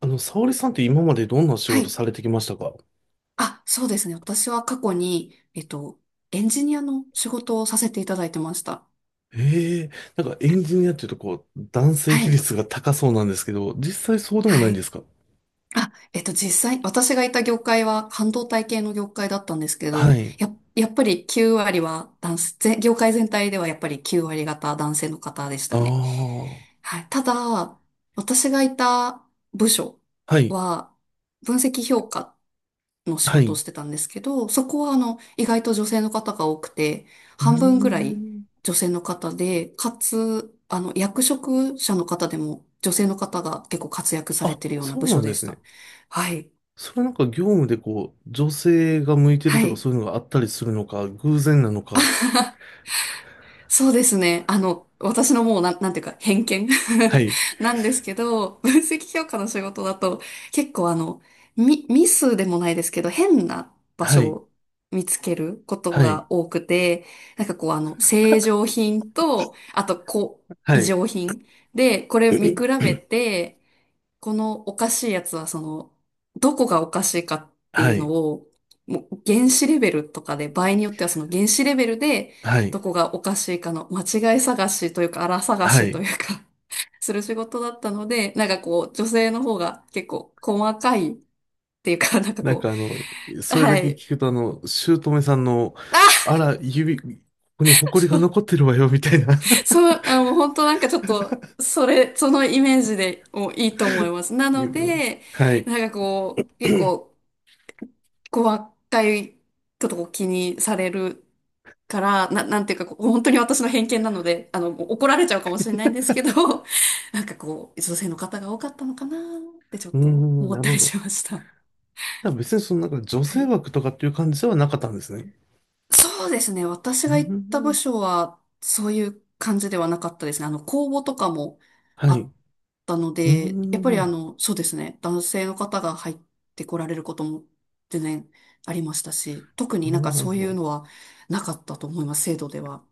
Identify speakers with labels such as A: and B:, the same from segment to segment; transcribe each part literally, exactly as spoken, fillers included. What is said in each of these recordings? A: あの、沙織さんって今までどんな仕
B: は
A: 事
B: い。
A: されてきましたか？
B: あ、そうですね。私は過去に、えっと、エンジニアの仕事をさせていただいてました。
A: ええ。なんかエンジニアっていうとこう、男性
B: は
A: 比
B: い。
A: 率が高そうなんですけど、実際そうでもな
B: は
A: いんで
B: い。
A: すか？
B: あ、えっと、実際、私がいた業界は半導体系の業界だったんですけ
A: は
B: ど、
A: い。
B: や、やっぱりきゅう割は男性、ぜ業界全体ではやっぱりきゅう割方男性の方でした
A: あ
B: ね。
A: あ、
B: はい。ただ、私がいた部署
A: はい、
B: は、分析評価の仕
A: は
B: 事を
A: い。
B: してたんですけど、そこはあの、意外と女性の方が多くて、
A: うー
B: 半分ぐらい
A: ん。
B: 女性の方で、かつ、あの、役職者の方でも女性の方が結構活躍され
A: あ、
B: てるような
A: そう
B: 部
A: な
B: 署
A: んで
B: でし
A: すね。
B: た。はい。
A: それなんか業務でこう、女性が向いてる
B: は
A: とか
B: い。
A: そういうのがあったりするのか、偶然なのか。
B: そうですね。あの、私のもうなん、なんていうか、偏見
A: はい、
B: なんですけど、分析評価の仕事だと、結構あの、ミ、ミスでもないですけど、変な場
A: は
B: 所
A: い、
B: を見つけること
A: はい、
B: が多くて、なんかこうあの、正常品と、あと、こう、
A: は
B: 異
A: い、
B: 常品で、これ見比 べて、このおかしいやつはその、どこがおかしいかってい
A: は
B: うの
A: い、
B: を、もう原子レベルとかで、場合によってはその原子レベルで、
A: はい、
B: どこがおかしいかの間違い探しというか、粗探
A: は
B: しと
A: い。
B: いうか する仕事だったので、なんかこう、女性の方が結構細かいっていうか、なんか
A: なん
B: こ
A: かあの、
B: う、
A: それだ
B: は
A: け
B: い。
A: 聞くとあの、姑さんの、
B: あ、
A: あら、指、ここに埃が
B: そう、
A: 残ってるわよ、みたいな。
B: そう、あ、もう本当なんかちょっと、それ、そのイメージでもういいと思います。な の
A: 指は。
B: で、
A: はい。う
B: なんかこう、結構、こう若いことを気にされるから、な、なんていうか、こう本当に私の偏見なので、あの、怒られちゃうかもしれないんですけど、なんかこう、女性の方が多かったのかなってちょっ
A: ー
B: と
A: ん、
B: 思
A: な
B: っ
A: る
B: た
A: ほ
B: り
A: ど。
B: しました。
A: じゃあ別にそのなんか女
B: は
A: 性
B: い。
A: 枠とかっていう感じではなかったんですね。
B: そうですね。私
A: うー
B: が行った部
A: ん、
B: 署は、そういう感じではなかったですね。あの、公募とかも
A: は
B: あ
A: い。う
B: ったの
A: ー
B: で、やっ
A: ん、
B: ぱりあ
A: な
B: の、そうですね。男性の方が入ってこられることも全然ありましたし、特
A: る
B: に
A: ほ
B: なん
A: ど、
B: か
A: なる
B: そう
A: ほ
B: いう
A: ど。
B: のはなかったと思います、制度では。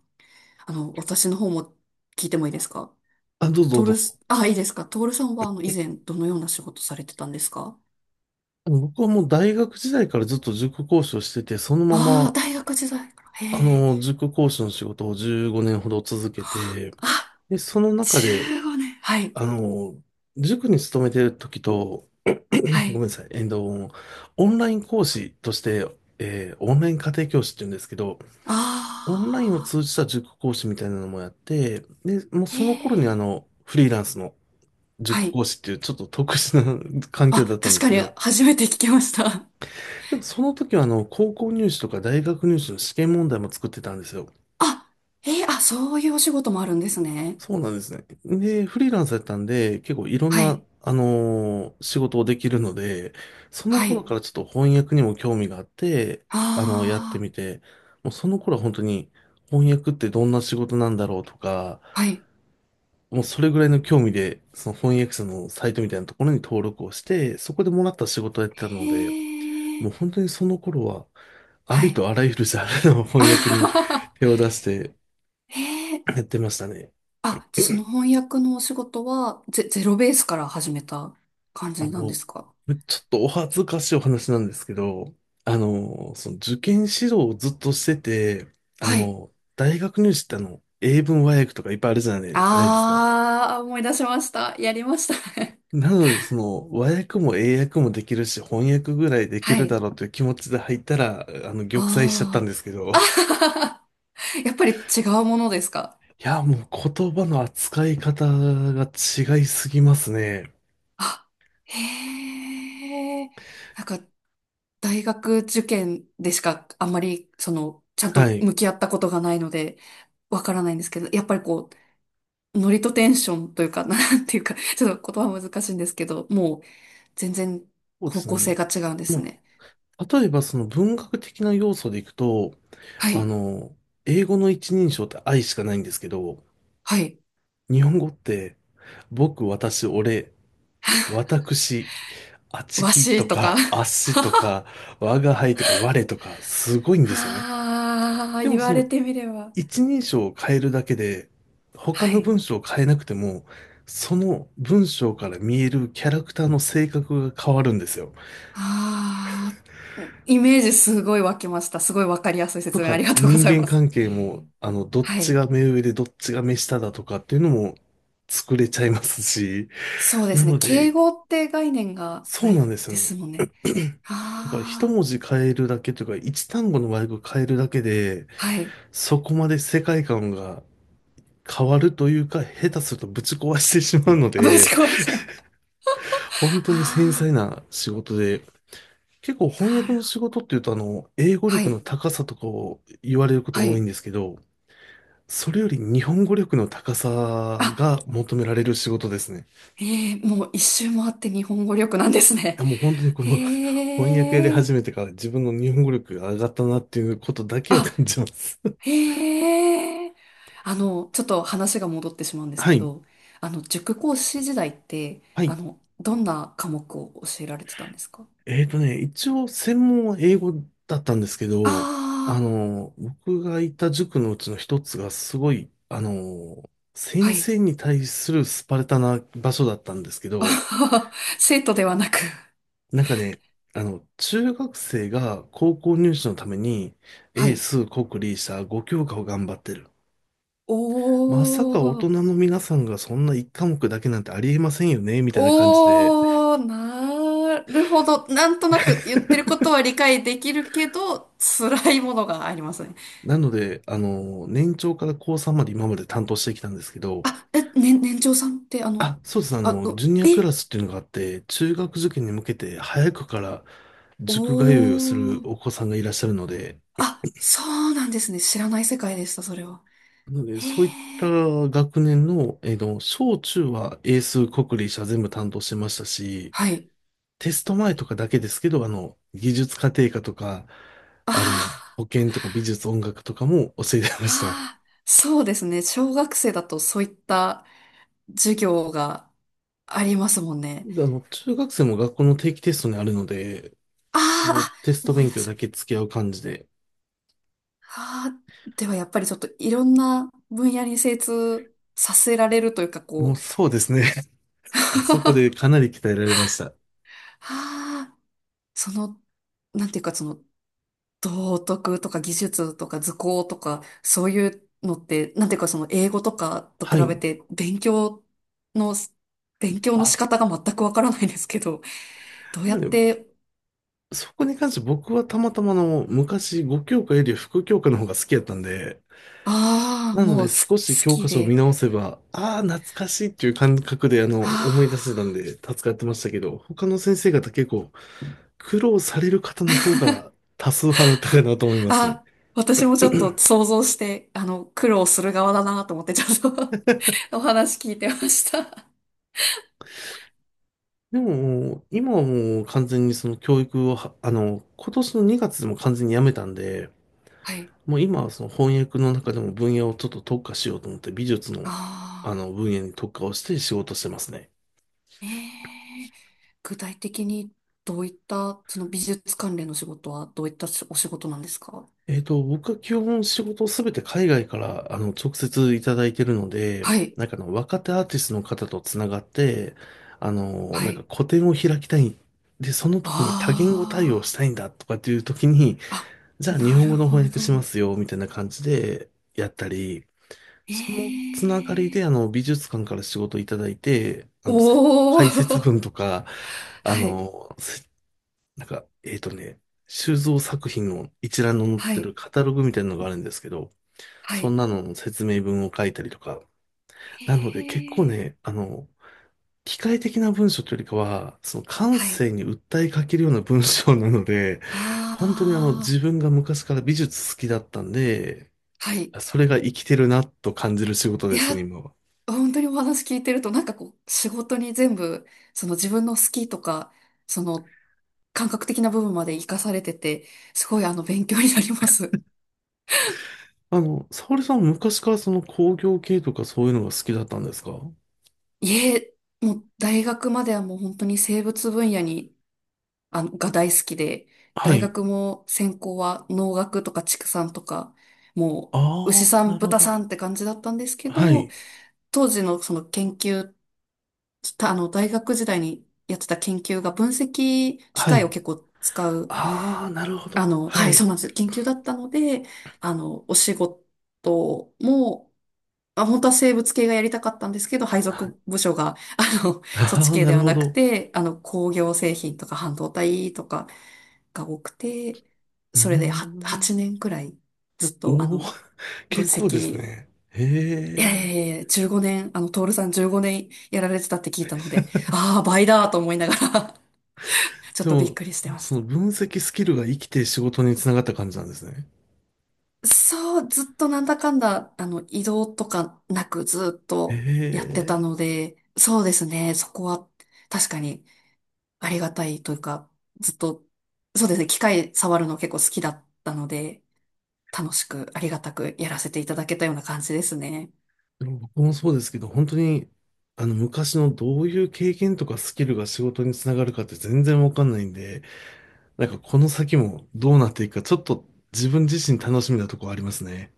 B: あの、私の方も聞いてもいいですか？
A: あ、どうぞ
B: トー
A: どう
B: ル
A: ぞ。
B: ス、あ、いいですか。トールさんはあの、以前どのような仕事されてたんですか？
A: 僕はもう大学時代からずっと塾講師をしてて、そのま
B: ああー、
A: ま、
B: 大学時代から。へ
A: あ
B: え。
A: の、塾講師の仕事をじゅうごねんほど続けて、
B: あ、
A: で、その中で、
B: じゅうごねん。はい。
A: あの、塾に勤めてる時と、
B: は
A: ごめん
B: い。
A: なさい、えっと、オンライン講師として、えーオンライン家庭教師って言うんですけど、オンラインを
B: あ
A: 通じた塾講師みたいなのもやって、で、もう
B: あ、へ
A: その頃にあ
B: え。
A: の、フリーランスの
B: は
A: 塾
B: い。
A: 講師っていうちょっと特殊な 環境だっ
B: あ、
A: たん
B: 確
A: です
B: か
A: け
B: に
A: ど、
B: 初めて聞きました。
A: でもその時はあの、高校入試とか大学入試の試験問題も作ってたんですよ。
B: あ、えー、あ、そういうお仕事もあるんですね。
A: そうなんですね。で、フリーランスだったんで、結構いろん
B: は
A: な、
B: い。
A: あのー仕事をできるので、その
B: は
A: 頃
B: い。
A: からちょっと翻訳にも興味があって、あのやって
B: あ
A: みて、もうその頃は本当に翻訳ってどんな仕事なんだろうとか、
B: あ、はい。
A: もうそれぐらいの興味で、その翻訳者のサイトみたいなところに登録をして、そこでもらった仕事をやってた
B: へ
A: ので、もう
B: え。
A: 本当にその頃は、あ
B: は
A: り
B: い。
A: とあらゆるジャンルの
B: あ
A: 翻訳
B: は
A: に
B: はは
A: 手を出して
B: へえ。
A: やってましたね。
B: あ、じゃあその翻訳のお仕事はゼ、ゼロベースから始めた感
A: あ
B: じ
A: の、
B: なんですか？
A: ちょっとお恥ずかしいお話なんですけど、あの、その受験指導をずっとしてて、あ
B: はい。
A: の、大学入試ってあの、英文和訳とかいっぱいあるじゃないないですか。
B: ああ、思い出しました。やりましたね。
A: なので、その、和訳も英訳もできるし、翻訳ぐらいで き
B: は
A: るだ
B: い。
A: ろうという気持ちで入ったら、あの、玉砕しちゃったん
B: あ
A: ですけど。い
B: あ。やっぱり違うものですか？
A: や、もう言葉の扱い方が違いすぎますね。
B: あ、へえ。なんか、大学受験でしかあんまり、その、ちゃん
A: は
B: と
A: い。
B: 向き合ったことがないので、わからないんですけど、やっぱりこう、ノリとテンションというか、なんていうか、ちょっと言葉は難しいんですけど、もう全然
A: そうで
B: 方
A: すね。
B: 向性
A: も
B: が違うんで
A: う
B: す
A: ま
B: ね。
A: あ、例えば、その文学的な要素でいくと、
B: は
A: あ
B: い、
A: の、英語の一人称って愛しかないんですけど、
B: はい、
A: 日本語って、僕、私、俺、私、あち
B: わ
A: き
B: し
A: と
B: とか。
A: か、あっ しとか、我が輩とか、我とか、すごいんですよね。
B: ああ、
A: で
B: 言
A: も
B: わ
A: そ
B: れ
A: の
B: てみれば。
A: 一人称を変えるだけで、他
B: は
A: の
B: い。
A: 文章を変えなくても、その文章から見えるキャラクターの性格が変わるんですよ。
B: ああ、イメージすごい湧きました。すごいわかりやすい
A: と
B: 説明あ
A: か、
B: りがとうご
A: 人
B: ざい
A: 間
B: ます。
A: 関係も、あの、どっ
B: は
A: ち
B: い。
A: が目上でどっちが目下だとかっていうのも作れちゃいますし、
B: そうで
A: な
B: すね。
A: の
B: 敬
A: で、
B: 語って概念が
A: そ
B: な
A: うなん
B: い
A: ですよ
B: で
A: ね。
B: すもんね。
A: だから一
B: あ
A: 文字変えるだけというか、一単語の和訳変えるだけで、
B: あ、はい。
A: そこまで世界観が変わるというか、下手するとぶち壊してしまうの
B: あぶ
A: で、
B: ち壊しちゃう。
A: 本当に繊
B: あ
A: 細
B: あ、
A: な仕事で、結構
B: な
A: 翻訳
B: る
A: の
B: ほ
A: 仕
B: ど。
A: 事っていうと、あの、英語
B: は
A: 力の
B: い、
A: 高さとかを言われるこ
B: は
A: と多いん
B: い。
A: ですけど、それより日本語力の高さ
B: あ、
A: が求められる仕事ですね。
B: ええもう一周回って日本語力なんですね。
A: やもう本当にこの 翻訳やり
B: へえ、
A: 始めてから自分の日本語力が上がったなっていうことだけは
B: あ、
A: 感じます。
B: へえ。あの、ちょっと話が戻ってしまうん です
A: は
B: け
A: い。
B: ど、あの、塾講師時代って、
A: は
B: あ
A: い。
B: の、どんな科目を教えられてたんですか？
A: えっとね、一応専門は英語だったんですけど、あ
B: ああ
A: の、僕がいた塾のうちの一つがすごい、あの、
B: ー、は
A: 先
B: い。
A: 生に対するスパルタな場所だったんですけ
B: あ
A: ど、
B: はは生徒ではなく、
A: なんかね、あの、中学生が高校入試のために、
B: は
A: 英
B: い。
A: 数国理社ごきょうか教科を頑張ってる。
B: お
A: まさか大人
B: ー、
A: の皆さんがそんな一科目だけなんてありえませんよね、みたいな感じで。
B: おー、なるほど。なんとなく言ってるこ とは理解できるけど、辛いものがありますね。
A: なので、あの、年長から高さんまで今まで担当してきたんですけど、
B: あ、え、ね、年長さんってあの、
A: あ、そうです。あ
B: あ、
A: の、ジ
B: う
A: ュニアク
B: え、
A: ラスっていうのがあって、中学受験に向けて早くから
B: お
A: 塾通いをする
B: ー、
A: お子さんがいらっしゃるので、
B: あ、そうなんですね。知らない世界でした、それは。
A: なので、
B: へ
A: そういった
B: ー、
A: 学年の、えっ小中は英数、国理社全部担当してましたし、
B: はい。
A: テスト前とかだけですけど、あの、技術家庭科とか、あ
B: あ
A: の、保健とか美術音楽とかも教えて
B: ー、
A: ました。
B: あー、そうですね。小学生だとそういった授業がありますもんね。
A: であの、中学生も学校の定期テストにあるので、
B: あー、
A: もう
B: あ、
A: テスト
B: 思い
A: 勉
B: 出
A: 強
B: し
A: だ
B: まし
A: け
B: た。
A: 付き合う感じで、
B: はあ、ではやっぱりちょっといろんな分野に精通させられるというか
A: も
B: こ
A: う
B: う、
A: そうですね。あそこ
B: は
A: でかなり鍛えられました。
B: あ、その、なんていうかその道徳とか技術とか図工とかそういうのって、なんていうかその英語とかと比
A: は
B: べ
A: い。
B: て勉強の、勉強の仕
A: あ、
B: 方が全くわからないですけど、どう
A: な
B: や
A: の
B: っ
A: で、
B: て、
A: そこに関して僕はたまたまあの昔ごきょうか教科より副教科の方が好きやったんで、
B: ああ、
A: なの
B: も
A: で
B: う
A: 少
B: す
A: し
B: 好
A: 教
B: き
A: 科書を見
B: で、
A: 直せば、ああ、懐かしいっていう感覚であの思い出せたん
B: ああ
A: で助かってましたけど、他の先生方結構苦労される方の方が多数派だったかなと思いますね。
B: あ、私もちょっと想像して、あの、苦労する側だなと思って、ちょっと お話聞いてました。
A: でも、今はもう完全にその教育をは、あの、今年のにがつでも完全にやめたんで、
B: はい。
A: もう今はその翻訳の中でも分野をちょっと特化しようと思って美術の
B: あ
A: あ
B: あ、
A: の分野に特化をして仕事してますね。
B: ええ具体的にどういった、その美術関連の仕事はどういったお仕事なんですか？
A: えっと、僕は基本仕事をすべて海外からあの直接いただいてるので、
B: はい、
A: なんかあの若手アーティストの方とつながって、あの、な
B: は
A: んか
B: い。
A: 個展を開きたい。で、その時に多言語対応し
B: あ
A: たいんだとかっていう時に、
B: あ、
A: じ
B: あ、
A: ゃあ日
B: な
A: 本
B: る
A: 語の
B: ほ
A: 翻訳しま
B: ど。
A: すよ、みたいな感じでやったり、そのつながりで
B: ええ
A: あの美術館から仕事いただいて、あの、
B: おお
A: 解説
B: ー、
A: 文とか、あ
B: はい、
A: の、設なんか、えっとね、収蔵作品の一覧の載っ
B: は
A: て
B: い、
A: るカタログみたいなのがあるんですけど、
B: は
A: そん
B: い。
A: なのの説明文を書いたりとか。なので結構
B: え
A: ね、
B: え
A: あの、機械的な文章というよりかは、その感
B: はい。
A: 性に訴えかけるような文章なので、本当にあの自
B: あ
A: 分が昔から美術好きだったんで、
B: あ、はい。
A: それが生きてるなと感じる仕事
B: い
A: です
B: や、
A: ね、今は。
B: 本当にお話聞いてると、なんかこう、仕事に全部、その自分の好きとか、その感覚的な部分まで活かされてて、すごいあの、勉強になります。
A: あの、沙織さん昔からその工業系とかそういうのが好きだったんですか？
B: いえ、もう大学まではもう本当に生物分野に、あの、が大好きで、
A: は
B: 大
A: い。
B: 学も専攻は農学とか畜産とか、もう
A: あ
B: 牛
A: あ、
B: さ
A: な
B: ん、
A: るほ
B: 豚
A: ど。
B: さんって感じだったんですけ
A: は
B: ど、
A: い。
B: 当時のその研究ちょっとあの、大学時代にやってた研究が分析機
A: は
B: 械を
A: い。
B: 結構使う、
A: ああ、なるほ
B: あ
A: ど。
B: の、
A: は
B: はい、そ
A: い。
B: うなんです。研究だったので、あの、お仕事も、あ、本当は生物系がやりたかったんですけど、配属
A: あ
B: 部署が、あの、そっち
A: あー、
B: 系
A: な
B: で
A: る
B: は
A: ほ
B: なく
A: ど。
B: て、あの、工業製品とか半導体とかが多くて、
A: うー
B: それでは
A: ん。
B: はち、年くらいずっと、あ
A: おお、
B: の、分
A: 結構です
B: 析
A: ね。へ
B: いや
A: え。
B: いやいやじゅうごねん、あの、トールさんじゅうごねんやられてたって聞いたので、ああ、倍だと思いながら ちょっ
A: で
B: とびっ
A: も、
B: くりしてまし
A: そ
B: た。
A: の分析スキルが生きて仕事につながった感じなんですね。
B: そう、ずっとなんだかんだ、あの、移動とかなくずっ
A: へ
B: とやってた
A: え。
B: ので、そうですね、そこは確かにありがたいというか、ずっと、そうですね、機械触るの結構好きだったので、楽しくありがたくやらせていただけたような感じですね。
A: でも僕もそうですけど、本当に、あの、昔のどういう経験とかスキルが仕事につながるかって全然わかんないんで、なんかこの先もどうなっていくか、ちょっと自分自身楽しみなとこありますね。